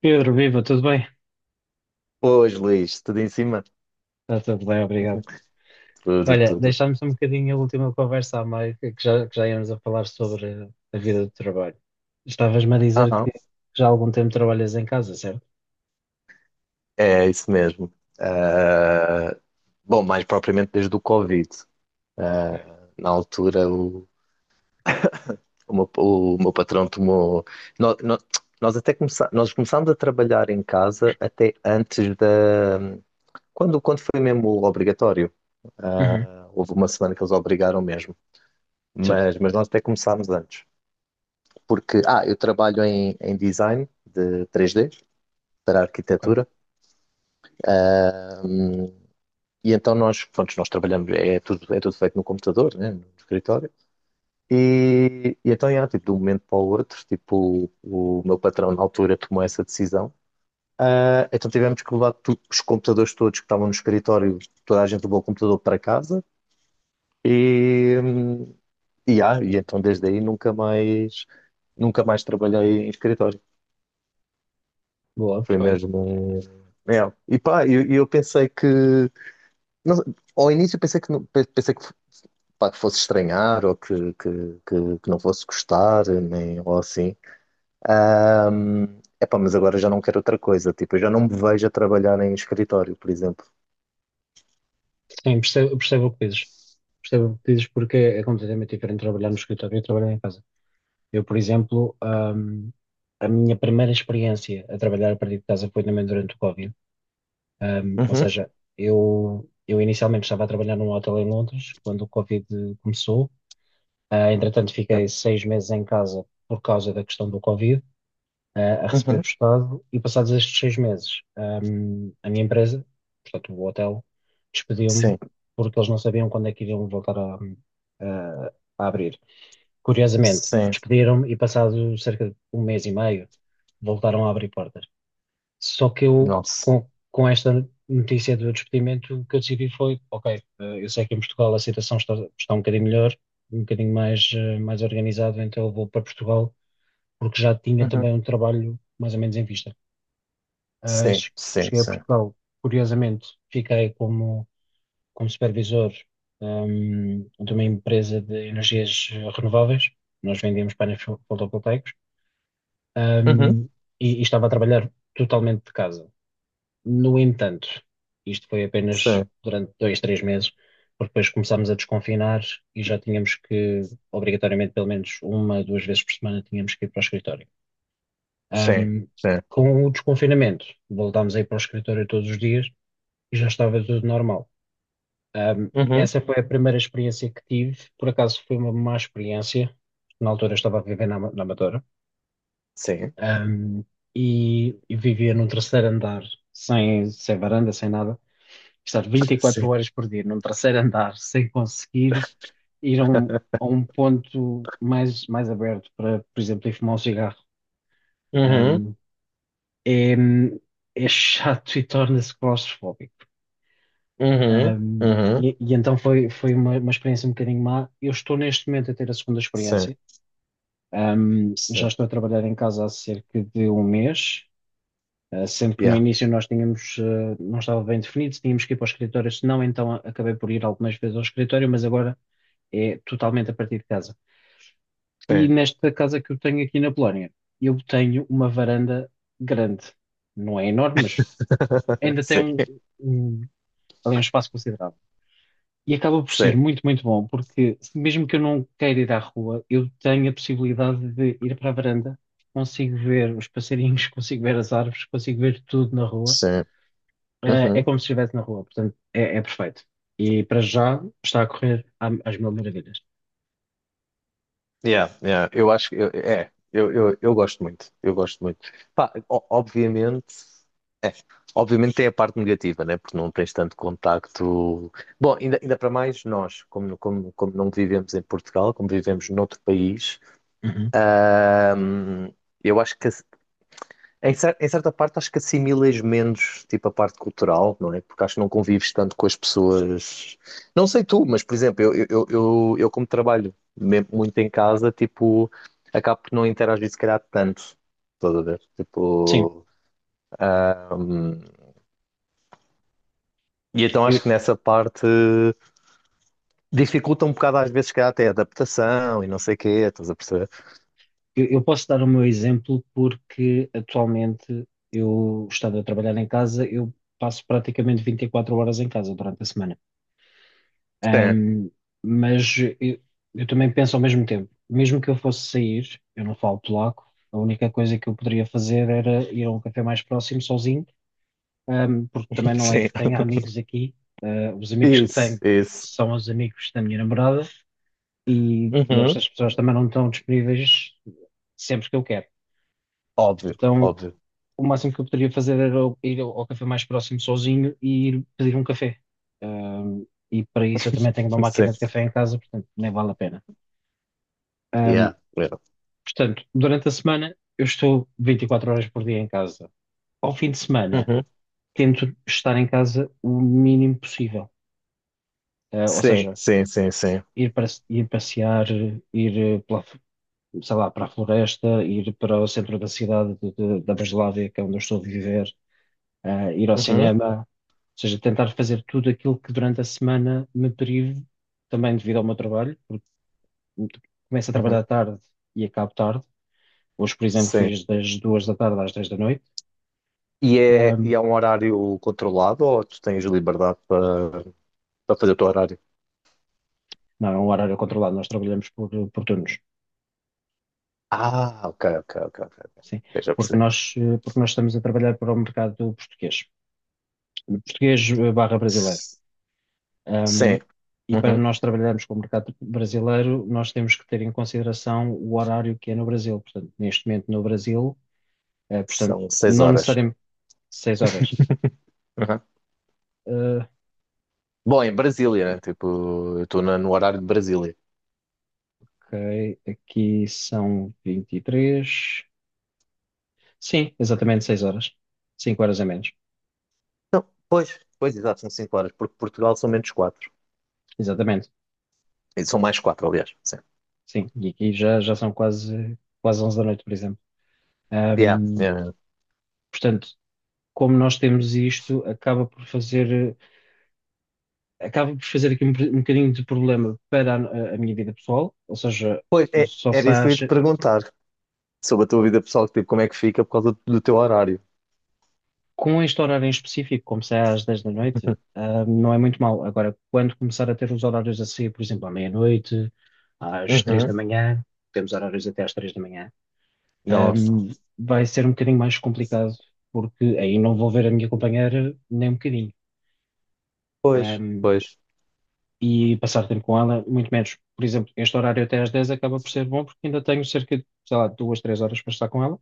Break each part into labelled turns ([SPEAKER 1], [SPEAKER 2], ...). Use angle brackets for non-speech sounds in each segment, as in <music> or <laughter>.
[SPEAKER 1] Pedro, viva, tudo bem?
[SPEAKER 2] Pois, Luís, tudo em cima?
[SPEAKER 1] Está tudo bem, obrigado.
[SPEAKER 2] Tudo,
[SPEAKER 1] Olha,
[SPEAKER 2] tudo.
[SPEAKER 1] deixámos um bocadinho a última conversa à meio, que já íamos a falar sobre a vida do trabalho. Estavas-me a dizer que
[SPEAKER 2] Aham,
[SPEAKER 1] já há algum tempo trabalhas em casa, certo?
[SPEAKER 2] é isso mesmo. Ah, bom, mais propriamente desde o Covid.
[SPEAKER 1] Ok.
[SPEAKER 2] Ah, na altura, o meu patrão tomou. nó- nó- nós começámos a trabalhar em casa até antes da. Quando foi mesmo obrigatório?
[SPEAKER 1] Uhum.
[SPEAKER 2] Ah, houve uma semana que eles obrigaram mesmo.
[SPEAKER 1] Certo,
[SPEAKER 2] Mas nós até começámos antes. Porque, eu trabalho em design de 3D para
[SPEAKER 1] ok.
[SPEAKER 2] arquitetura. E então nós, pronto, nós trabalhamos, é tudo feito no computador, né, no escritório. E então, já, tipo, de um momento para o outro, tipo, o meu patrão na altura tomou essa decisão. Ah, então tivemos que levar os computadores todos que estavam no escritório, toda a gente levou o computador para casa. E, e então desde aí nunca mais, nunca mais trabalhei em escritório.
[SPEAKER 1] Boa,
[SPEAKER 2] Foi
[SPEAKER 1] perfeito.
[SPEAKER 2] mesmo um... É. E pá, eu pensei que, não- ao início pensei que, pensei que pá, que fosse estranhar ou que não fosse gostar, nem, ou assim. Epá, mas agora já não quero outra coisa. Tipo, eu já não me vejo a trabalhar em escritório, por exemplo.
[SPEAKER 1] Sim, percebo o que dizes. Percebo o que dizes porque é completamente diferente trabalhar no escritório e trabalhar em casa. Eu, por exemplo, a minha primeira experiência a trabalhar a partir de casa foi também durante o Covid. Ou
[SPEAKER 2] Uhum.
[SPEAKER 1] seja, eu inicialmente estava a trabalhar num hotel em Londres quando o Covid começou. Ah, entretanto, fiquei seis meses em casa por causa da questão do Covid, ah, a receber
[SPEAKER 2] Uhum.
[SPEAKER 1] do Estado. E passados estes seis meses, a minha empresa, portanto, o hotel, despediu-me
[SPEAKER 2] Sim,
[SPEAKER 1] porque eles não sabiam quando é que iriam voltar a- a abrir. Curiosamente,
[SPEAKER 2] sim,
[SPEAKER 1] despediram-me e passado cerca de um mês e meio, voltaram a abrir portas. Só que eu,
[SPEAKER 2] nossa.
[SPEAKER 1] com esta notícia do despedimento, o que eu decidi foi: ok, eu sei que em Portugal a situação está um bocadinho melhor, um bocadinho mais, mais organizado, então eu vou para Portugal, porque já tinha também
[SPEAKER 2] Uhum.
[SPEAKER 1] um trabalho mais ou menos em vista. Ah,
[SPEAKER 2] Sim,
[SPEAKER 1] che-
[SPEAKER 2] sim,
[SPEAKER 1] Cheguei a
[SPEAKER 2] sim.
[SPEAKER 1] Portugal, curiosamente, fiquei como, como supervisor, de uma empresa de energias renováveis, nós vendíamos painéis fotovoltaicos,
[SPEAKER 2] Uhum.
[SPEAKER 1] ehm, e estava a trabalhar totalmente de casa. No entanto, isto foi apenas
[SPEAKER 2] Sim,
[SPEAKER 1] durante dois, três meses, porque depois começámos a desconfinar e já tínhamos que, obrigatoriamente, pelo menos uma, duas vezes por semana, tínhamos que ir para o escritório.
[SPEAKER 2] sim,
[SPEAKER 1] Ahm,
[SPEAKER 2] sim.
[SPEAKER 1] com o desconfinamento, voltámos a ir para o escritório todos os dias e já estava tudo normal.
[SPEAKER 2] Uhum.
[SPEAKER 1] Essa foi a primeira experiência que tive, por acaso foi uma má experiência, na altura eu estava a viver na Amadora,
[SPEAKER 2] Sim,
[SPEAKER 1] Ahm, e vivia num terceiro andar, sem, sem varanda, sem nada, estar
[SPEAKER 2] <laughs>
[SPEAKER 1] 24
[SPEAKER 2] sim.
[SPEAKER 1] horas por dia num terceiro andar sem conseguir ir a um ponto mais, mais aberto para, por exemplo, ir fumar um cigarro.
[SPEAKER 2] Uhum.
[SPEAKER 1] um, é, é chato e torna-se claustrofóbico.
[SPEAKER 2] Uhum.
[SPEAKER 1] Um,
[SPEAKER 2] Uhum.
[SPEAKER 1] e então foi uma experiência um bocadinho má. Eu estou neste momento a ter a segunda
[SPEAKER 2] Sim,
[SPEAKER 1] experiência. Já
[SPEAKER 2] sim.
[SPEAKER 1] estou a trabalhar em casa há cerca de um mês. Sendo que no
[SPEAKER 2] Yeah.
[SPEAKER 1] início nós tínhamos, não estava bem definido se tínhamos que ir para o escritório, se não, então acabei por ir algumas vezes ao escritório, mas agora é totalmente a partir de casa. E
[SPEAKER 2] Sim.
[SPEAKER 1] nesta casa que eu tenho aqui na Polónia, eu tenho uma varanda grande. Não é enorme, mas
[SPEAKER 2] <laughs>
[SPEAKER 1] ainda tem
[SPEAKER 2] Sim,
[SPEAKER 1] um, ali um espaço considerável. E acaba por ser
[SPEAKER 2] sim,
[SPEAKER 1] muito, muito bom, porque mesmo que eu não queira ir à rua, eu tenho a possibilidade de ir para a varanda, consigo ver os passarinhos, <laughs> consigo ver as árvores, consigo ver tudo na rua.
[SPEAKER 2] sim.
[SPEAKER 1] É
[SPEAKER 2] Uhum.
[SPEAKER 1] como se estivesse na rua, portanto, é, é perfeito. E para já está a correr às mil maravilhas.
[SPEAKER 2] Yeah, yeah, eu acho que eu gosto muito, eu gosto muito. Pá, obviamente tem a parte negativa, né? Porque não tens tanto contacto. Bom, ainda para mais nós, como não vivemos em Portugal, como vivemos noutro país,
[SPEAKER 1] Uhum.
[SPEAKER 2] hum, eu acho que em certa parte, acho que assimilas menos, tipo, a parte cultural, não é? Porque acho que não convives tanto com as pessoas. Não sei tu, mas, por exemplo, eu como trabalho muito em casa, tipo, acabo por não interagir, se calhar, tanto. Estás a ver?
[SPEAKER 1] Sim,
[SPEAKER 2] Tipo. ahm, e então
[SPEAKER 1] eu,
[SPEAKER 2] acho que nessa parte dificulta um bocado, às vezes, se calhar, até a adaptação e não sei o quê, estás a perceber?
[SPEAKER 1] eu posso dar o meu exemplo porque atualmente eu, estando a trabalhar em casa, eu passo praticamente 24 horas em casa durante a semana.
[SPEAKER 2] Sim,
[SPEAKER 1] Ahm, mas eu também penso ao mesmo tempo, mesmo que eu fosse sair, eu não falo polaco, a única coisa que eu poderia fazer era ir a um café mais próximo sozinho, porque também
[SPEAKER 2] <laughs>
[SPEAKER 1] não é
[SPEAKER 2] sim.
[SPEAKER 1] que tenha amigos aqui. Ah, os amigos que
[SPEAKER 2] Isso,
[SPEAKER 1] tenho
[SPEAKER 2] isso.
[SPEAKER 1] são os amigos da minha namorada e
[SPEAKER 2] Uhum.
[SPEAKER 1] estas pessoas também não estão disponíveis sempre que eu quero.
[SPEAKER 2] Óbvio,
[SPEAKER 1] Então,
[SPEAKER 2] óbvio.
[SPEAKER 1] o máximo que eu poderia fazer era ir ao café mais próximo sozinho e ir pedir um café. Ahm, e para isso eu também tenho uma
[SPEAKER 2] <laughs> Sim.
[SPEAKER 1] máquina de café em casa, portanto nem vale a pena. Ahm,
[SPEAKER 2] Yeah. Yeah.
[SPEAKER 1] Portanto, durante a semana eu estou 24 horas por dia em casa. Ao fim de semana
[SPEAKER 2] Uhum.
[SPEAKER 1] tento estar em casa o mínimo possível. Ah, ou
[SPEAKER 2] Sim,
[SPEAKER 1] seja,
[SPEAKER 2] sim, sim, sim.
[SPEAKER 1] ir passear, ir sei lá, para a floresta, ir para o centro da cidade da Breslávia, que é onde eu estou a viver, ah, ir ao
[SPEAKER 2] Uhum,
[SPEAKER 1] cinema, ou seja, tentar fazer tudo aquilo que durante a semana me prive, também devido ao meu trabalho, porque começo a
[SPEAKER 2] uhum,
[SPEAKER 1] trabalhar tarde e acabo tarde. Hoje, por exemplo,
[SPEAKER 2] sim.
[SPEAKER 1] fiz das duas da tarde às 10 da noite.
[SPEAKER 2] E é, e
[SPEAKER 1] Ahm,
[SPEAKER 2] é um horário controlado ou tu tens liberdade para fazer o teu horário?
[SPEAKER 1] não, é um horário controlado, nós trabalhamos por turnos.
[SPEAKER 2] Ah, ok, ok, ok, ok. Ok.
[SPEAKER 1] Sim,
[SPEAKER 2] Eu já
[SPEAKER 1] porque
[SPEAKER 2] percebi.
[SPEAKER 1] nós estamos a trabalhar para o mercado português, português barra brasileiro.
[SPEAKER 2] S-
[SPEAKER 1] Ahm,
[SPEAKER 2] Sim.
[SPEAKER 1] e para
[SPEAKER 2] Uhum.
[SPEAKER 1] nós trabalharmos com o mercado brasileiro, nós temos que ter em consideração o horário que é no Brasil. Portanto, neste momento no Brasil, É, portanto,
[SPEAKER 2] São seis
[SPEAKER 1] não
[SPEAKER 2] horas.
[SPEAKER 1] necessariamente 6 horas.
[SPEAKER 2] Uhum.
[SPEAKER 1] Ah,
[SPEAKER 2] Bom, em Brasília, né? Tipo, eu estou no horário de Brasília.
[SPEAKER 1] ok, aqui são 23. Sim, exatamente 6 horas. Cinco horas a menos.
[SPEAKER 2] Não, pois, pois, exato, são 5 horas, porque Portugal são menos quatro.
[SPEAKER 1] Exatamente.
[SPEAKER 2] E são mais quatro, aliás. Sim.
[SPEAKER 1] Sim, e aqui já, já são quase, quase 11 da noite, por exemplo.
[SPEAKER 2] Yeah,
[SPEAKER 1] Ahm,
[SPEAKER 2] yeah. Yeah.
[SPEAKER 1] Portanto, como nós temos isto, acaba por fazer aqui um bocadinho de problema para a minha vida pessoal, ou seja,
[SPEAKER 2] Pois,
[SPEAKER 1] eu
[SPEAKER 2] é,
[SPEAKER 1] só
[SPEAKER 2] era isso que
[SPEAKER 1] saio.
[SPEAKER 2] eu ia te perguntar sobre a tua vida pessoal, tipo, como é que fica por causa do teu horário?
[SPEAKER 1] Com este horário em específico, como sai às 10 da noite, ah, não é muito mal. Agora, quando começar a ter os horários a sair, por exemplo, à meia-noite, às 3
[SPEAKER 2] Uhum.
[SPEAKER 1] da manhã, temos horários até às 3 da manhã, ah,
[SPEAKER 2] Nossa.
[SPEAKER 1] vai ser um bocadinho mais complicado, porque aí não vou ver a minha companheira nem um bocadinho.
[SPEAKER 2] Pois,
[SPEAKER 1] Ah,
[SPEAKER 2] pois.
[SPEAKER 1] e passar tempo com ela, muito menos. Por exemplo, este horário até às 10 acaba por ser bom, porque ainda tenho cerca de, sei lá, duas, três horas para estar com ela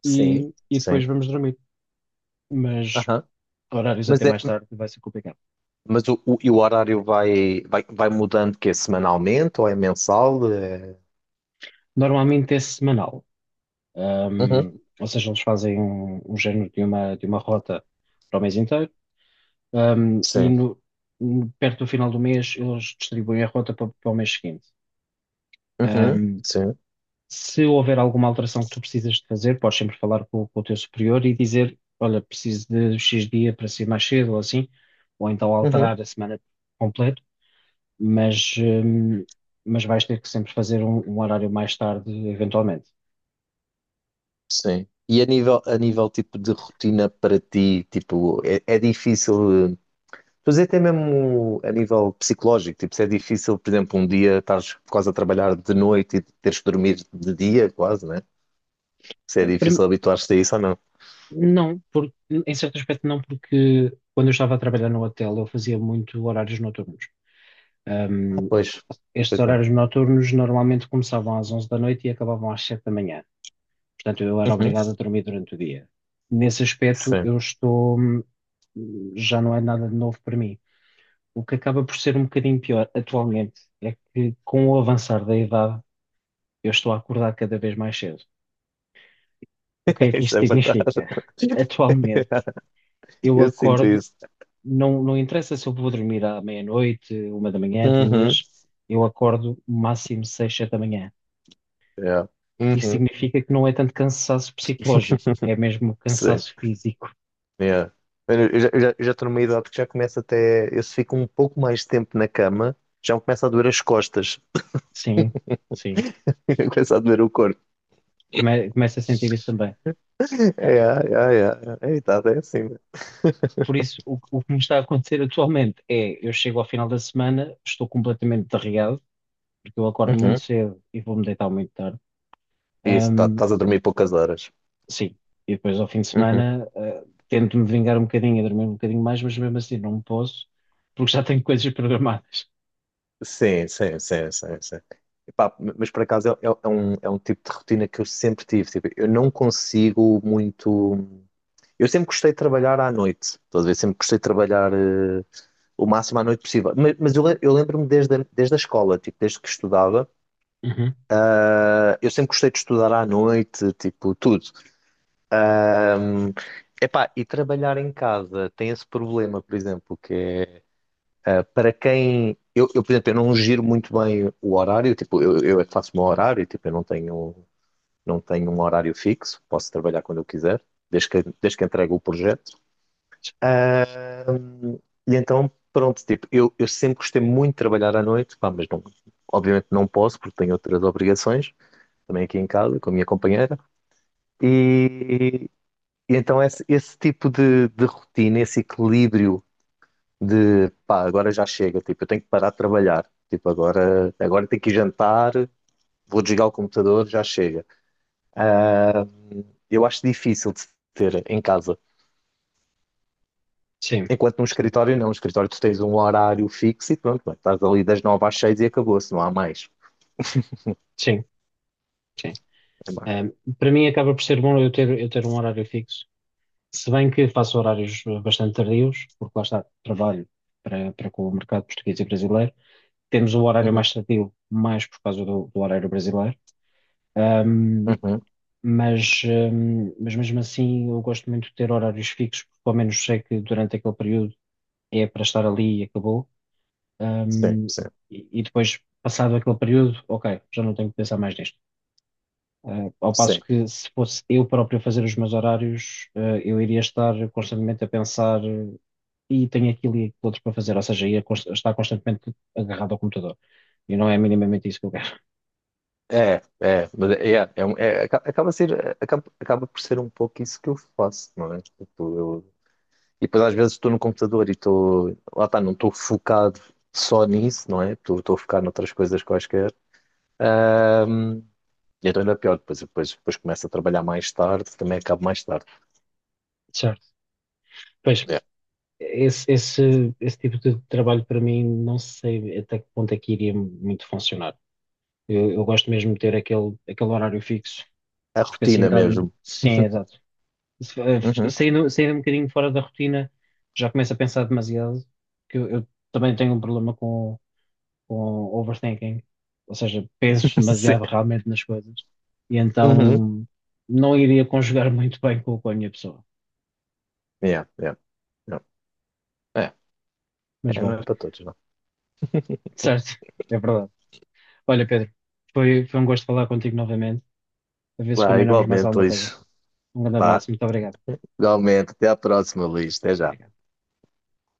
[SPEAKER 2] Sim,
[SPEAKER 1] e, e depois
[SPEAKER 2] sim.
[SPEAKER 1] vamos dormir. Mas
[SPEAKER 2] Aham.
[SPEAKER 1] horários
[SPEAKER 2] Mas,
[SPEAKER 1] até
[SPEAKER 2] é,
[SPEAKER 1] mais tarde vai ser complicado.
[SPEAKER 2] mas o horário vai mudando que é semanalmente ou é mensal?
[SPEAKER 1] Normalmente é semanal.
[SPEAKER 2] Uhum.
[SPEAKER 1] Ou seja, eles fazem um, um género de uma rota para o mês inteiro, e
[SPEAKER 2] Sim.
[SPEAKER 1] perto do final do mês eles distribuem a rota para o mês seguinte.
[SPEAKER 2] Uhum.
[SPEAKER 1] Ahm,
[SPEAKER 2] Sim.
[SPEAKER 1] Se houver alguma alteração que tu precisas de fazer, podes sempre falar com o teu superior e dizer, olha, preciso de X dia para ser mais cedo ou assim, ou então
[SPEAKER 2] Uhum.
[SPEAKER 1] alterar a semana completa, mas, ahm, mas vais ter que sempre fazer um horário mais tarde, eventualmente.
[SPEAKER 2] Sim. E a nível tipo de rotina para ti, tipo, é difícil fazer até mesmo a nível psicológico, tipo, se é difícil, por exemplo, um dia estás quase a trabalhar de noite e teres que dormir de dia, quase, né? Se é difícil habituar-te a isso ou não?
[SPEAKER 1] Não, por, em certo aspecto não, porque quando eu estava a trabalhar no hotel eu fazia muito horários noturnos.
[SPEAKER 2] Ah,
[SPEAKER 1] Ahm,
[SPEAKER 2] pois.
[SPEAKER 1] Estes
[SPEAKER 2] Pois é.
[SPEAKER 1] horários noturnos normalmente começavam às 11 da noite e acabavam às 7 da manhã. Portanto, eu era
[SPEAKER 2] Uhum,
[SPEAKER 1] obrigado a dormir durante o dia. Nesse aspecto,
[SPEAKER 2] sim.
[SPEAKER 1] eu estou, já não é nada de novo para mim. O que acaba por ser um bocadinho pior atualmente é que com o avançar da idade, eu estou a acordar cada vez mais cedo. O que é
[SPEAKER 2] <laughs>
[SPEAKER 1] que
[SPEAKER 2] Isso
[SPEAKER 1] isto
[SPEAKER 2] é verdade.
[SPEAKER 1] significa? <laughs> Atualmente,
[SPEAKER 2] <laughs>
[SPEAKER 1] eu
[SPEAKER 2] Eu sinto
[SPEAKER 1] acordo.
[SPEAKER 2] isso.
[SPEAKER 1] Não, não interessa se eu vou dormir à meia-noite, uma da manhã,
[SPEAKER 2] Uhum.
[SPEAKER 1] duas, eu acordo máximo seis, sete da manhã.
[SPEAKER 2] Yeah.
[SPEAKER 1] Isso
[SPEAKER 2] Uhum.
[SPEAKER 1] significa que não é tanto cansaço psicológico, é mesmo
[SPEAKER 2] Sim.
[SPEAKER 1] cansaço físico.
[SPEAKER 2] Yeah. Mano, eu já estou numa idade que já começa até. Eu se fico um pouco mais tempo na cama, já me começa a doer as costas.
[SPEAKER 1] Sim, sim.
[SPEAKER 2] <laughs> Começa a doer o corpo.
[SPEAKER 1] Começo a sentir isso também. Eh,
[SPEAKER 2] É, é, é. É, tá, é assim. Mano.
[SPEAKER 1] Por isso, o que me está a acontecer <laughs> atualmente é, eu chego ao final da semana, estou completamente derreado, porque eu acordo muito
[SPEAKER 2] Uhum.
[SPEAKER 1] cedo e vou-me deitar muito tarde.
[SPEAKER 2] Isso, tá, estás a dormir poucas horas.
[SPEAKER 1] Sim, e depois ao fim de
[SPEAKER 2] Uhum.
[SPEAKER 1] semana, tento-me vingar um bocadinho, e dormir um bocadinho mais, mas mesmo assim não posso, porque já tenho <laughs> coisas programadas.
[SPEAKER 2] Sim, sim, sim, sim, sim. Epá, mas por acaso é um tipo de rotina que eu sempre tive. Tipo, eu não consigo muito. Eu sempre gostei de trabalhar à noite, estás a ver? Sempre gostei de trabalhar o máximo à noite possível. Mas eu, eu lembro-me desde, desde a escola, tipo, desde que estudava,
[SPEAKER 1] Uhum.
[SPEAKER 2] eu sempre gostei de estudar à noite, tipo, tudo. Epá, e trabalhar em casa tem esse problema, por exemplo, que é para quem. Por exemplo, eu não giro muito bem o horário, tipo, eu é que faço o meu horário, tipo, eu não tenho um horário fixo, posso trabalhar quando eu quiser, desde que entregue o projeto. E então, pronto, tipo, eu sempre gostei muito de trabalhar à noite, pá, mas não, obviamente não posso porque tenho outras obrigações, também aqui em casa, com a minha companheira. E, e então esse tipo de rotina, esse equilíbrio de, pá, agora já chega, tipo, eu tenho que parar de trabalhar, tipo, agora tenho que ir jantar, vou desligar o computador, já chega. Eu acho difícil de se ter em casa.
[SPEAKER 1] Sim,
[SPEAKER 2] Enquanto num
[SPEAKER 1] percebo.
[SPEAKER 2] escritório, não. No escritório, tu tens um horário fixo e pronto, bem, estás ali das nove às seis e acabou-se, não há mais.
[SPEAKER 1] Sim, sim.
[SPEAKER 2] É má.
[SPEAKER 1] Ahm, Para mim acaba por ser bom eu ter um horário fixo, se bem que faço horários bastante tardios, porque lá está, trabalho para com o mercado português e brasileiro. Temos o horário
[SPEAKER 2] Uhum.
[SPEAKER 1] mais tardio, mais por causa do horário brasileiro. Ehm,
[SPEAKER 2] Uhum,
[SPEAKER 1] mas, mas mesmo assim eu gosto muito de ter horários fixos, porque pelo menos sei que durante aquele período é para estar ali e acabou.
[SPEAKER 2] sim,
[SPEAKER 1] Hum,
[SPEAKER 2] sim,
[SPEAKER 1] e, e depois, passado aquele período, ok, já não tenho que pensar mais nisto. Ah, ao passo
[SPEAKER 2] sim.
[SPEAKER 1] que se fosse eu próprio a fazer os meus horários, ah, eu iria estar constantemente a pensar e tenho aquilo e aquilo outro para fazer, ou seja, ia estar constantemente agarrado ao computador. E não é minimamente isso que eu quero.
[SPEAKER 2] É, é, mas acaba por ser um pouco isso que eu faço, não é? Tipo, eu, e depois às vezes estou no computador e lá está, não estou focado só nisso, não é? Estou a focar noutras coisas quaisquer, e então ainda é pior, depois começo a trabalhar mais tarde, também acabo mais tarde.
[SPEAKER 1] Certo. Pois,
[SPEAKER 2] É,
[SPEAKER 1] Esse, esse, esse tipo de trabalho para mim não sei até que ponto é que iria muito funcionar. Eu gosto mesmo de ter aquele, aquele horário fixo,
[SPEAKER 2] é a
[SPEAKER 1] porque assim
[SPEAKER 2] rotina
[SPEAKER 1] dá-me.
[SPEAKER 2] mesmo.
[SPEAKER 1] Sim, exato. Se- eh,
[SPEAKER 2] Uhum.
[SPEAKER 1] Saindo, saindo um bocadinho fora da rotina, já começo a pensar demasiado, que eu também tenho um problema com overthinking, ou seja, penso
[SPEAKER 2] <laughs> Sim.
[SPEAKER 1] demasiado <laughs> realmente nas coisas, e
[SPEAKER 2] Uhum.
[SPEAKER 1] então não iria conjugar muito bem com a minha pessoa.
[SPEAKER 2] Yeah, yeah, yeah. É,
[SPEAKER 1] Mas
[SPEAKER 2] é, não
[SPEAKER 1] bom,
[SPEAKER 2] é para todos, não.
[SPEAKER 1] certo, é verdade. Olha, Pedro, foi um gosto falar contigo novamente, a ver se
[SPEAKER 2] Vá,
[SPEAKER 1] combinamos mais
[SPEAKER 2] igualmente
[SPEAKER 1] alguma coisa.
[SPEAKER 2] hoje.
[SPEAKER 1] Um grande
[SPEAKER 2] Vá,
[SPEAKER 1] abraço, muito obrigado.
[SPEAKER 2] igualmente. Até à próxima, Luís. Até já.
[SPEAKER 1] Obrigado.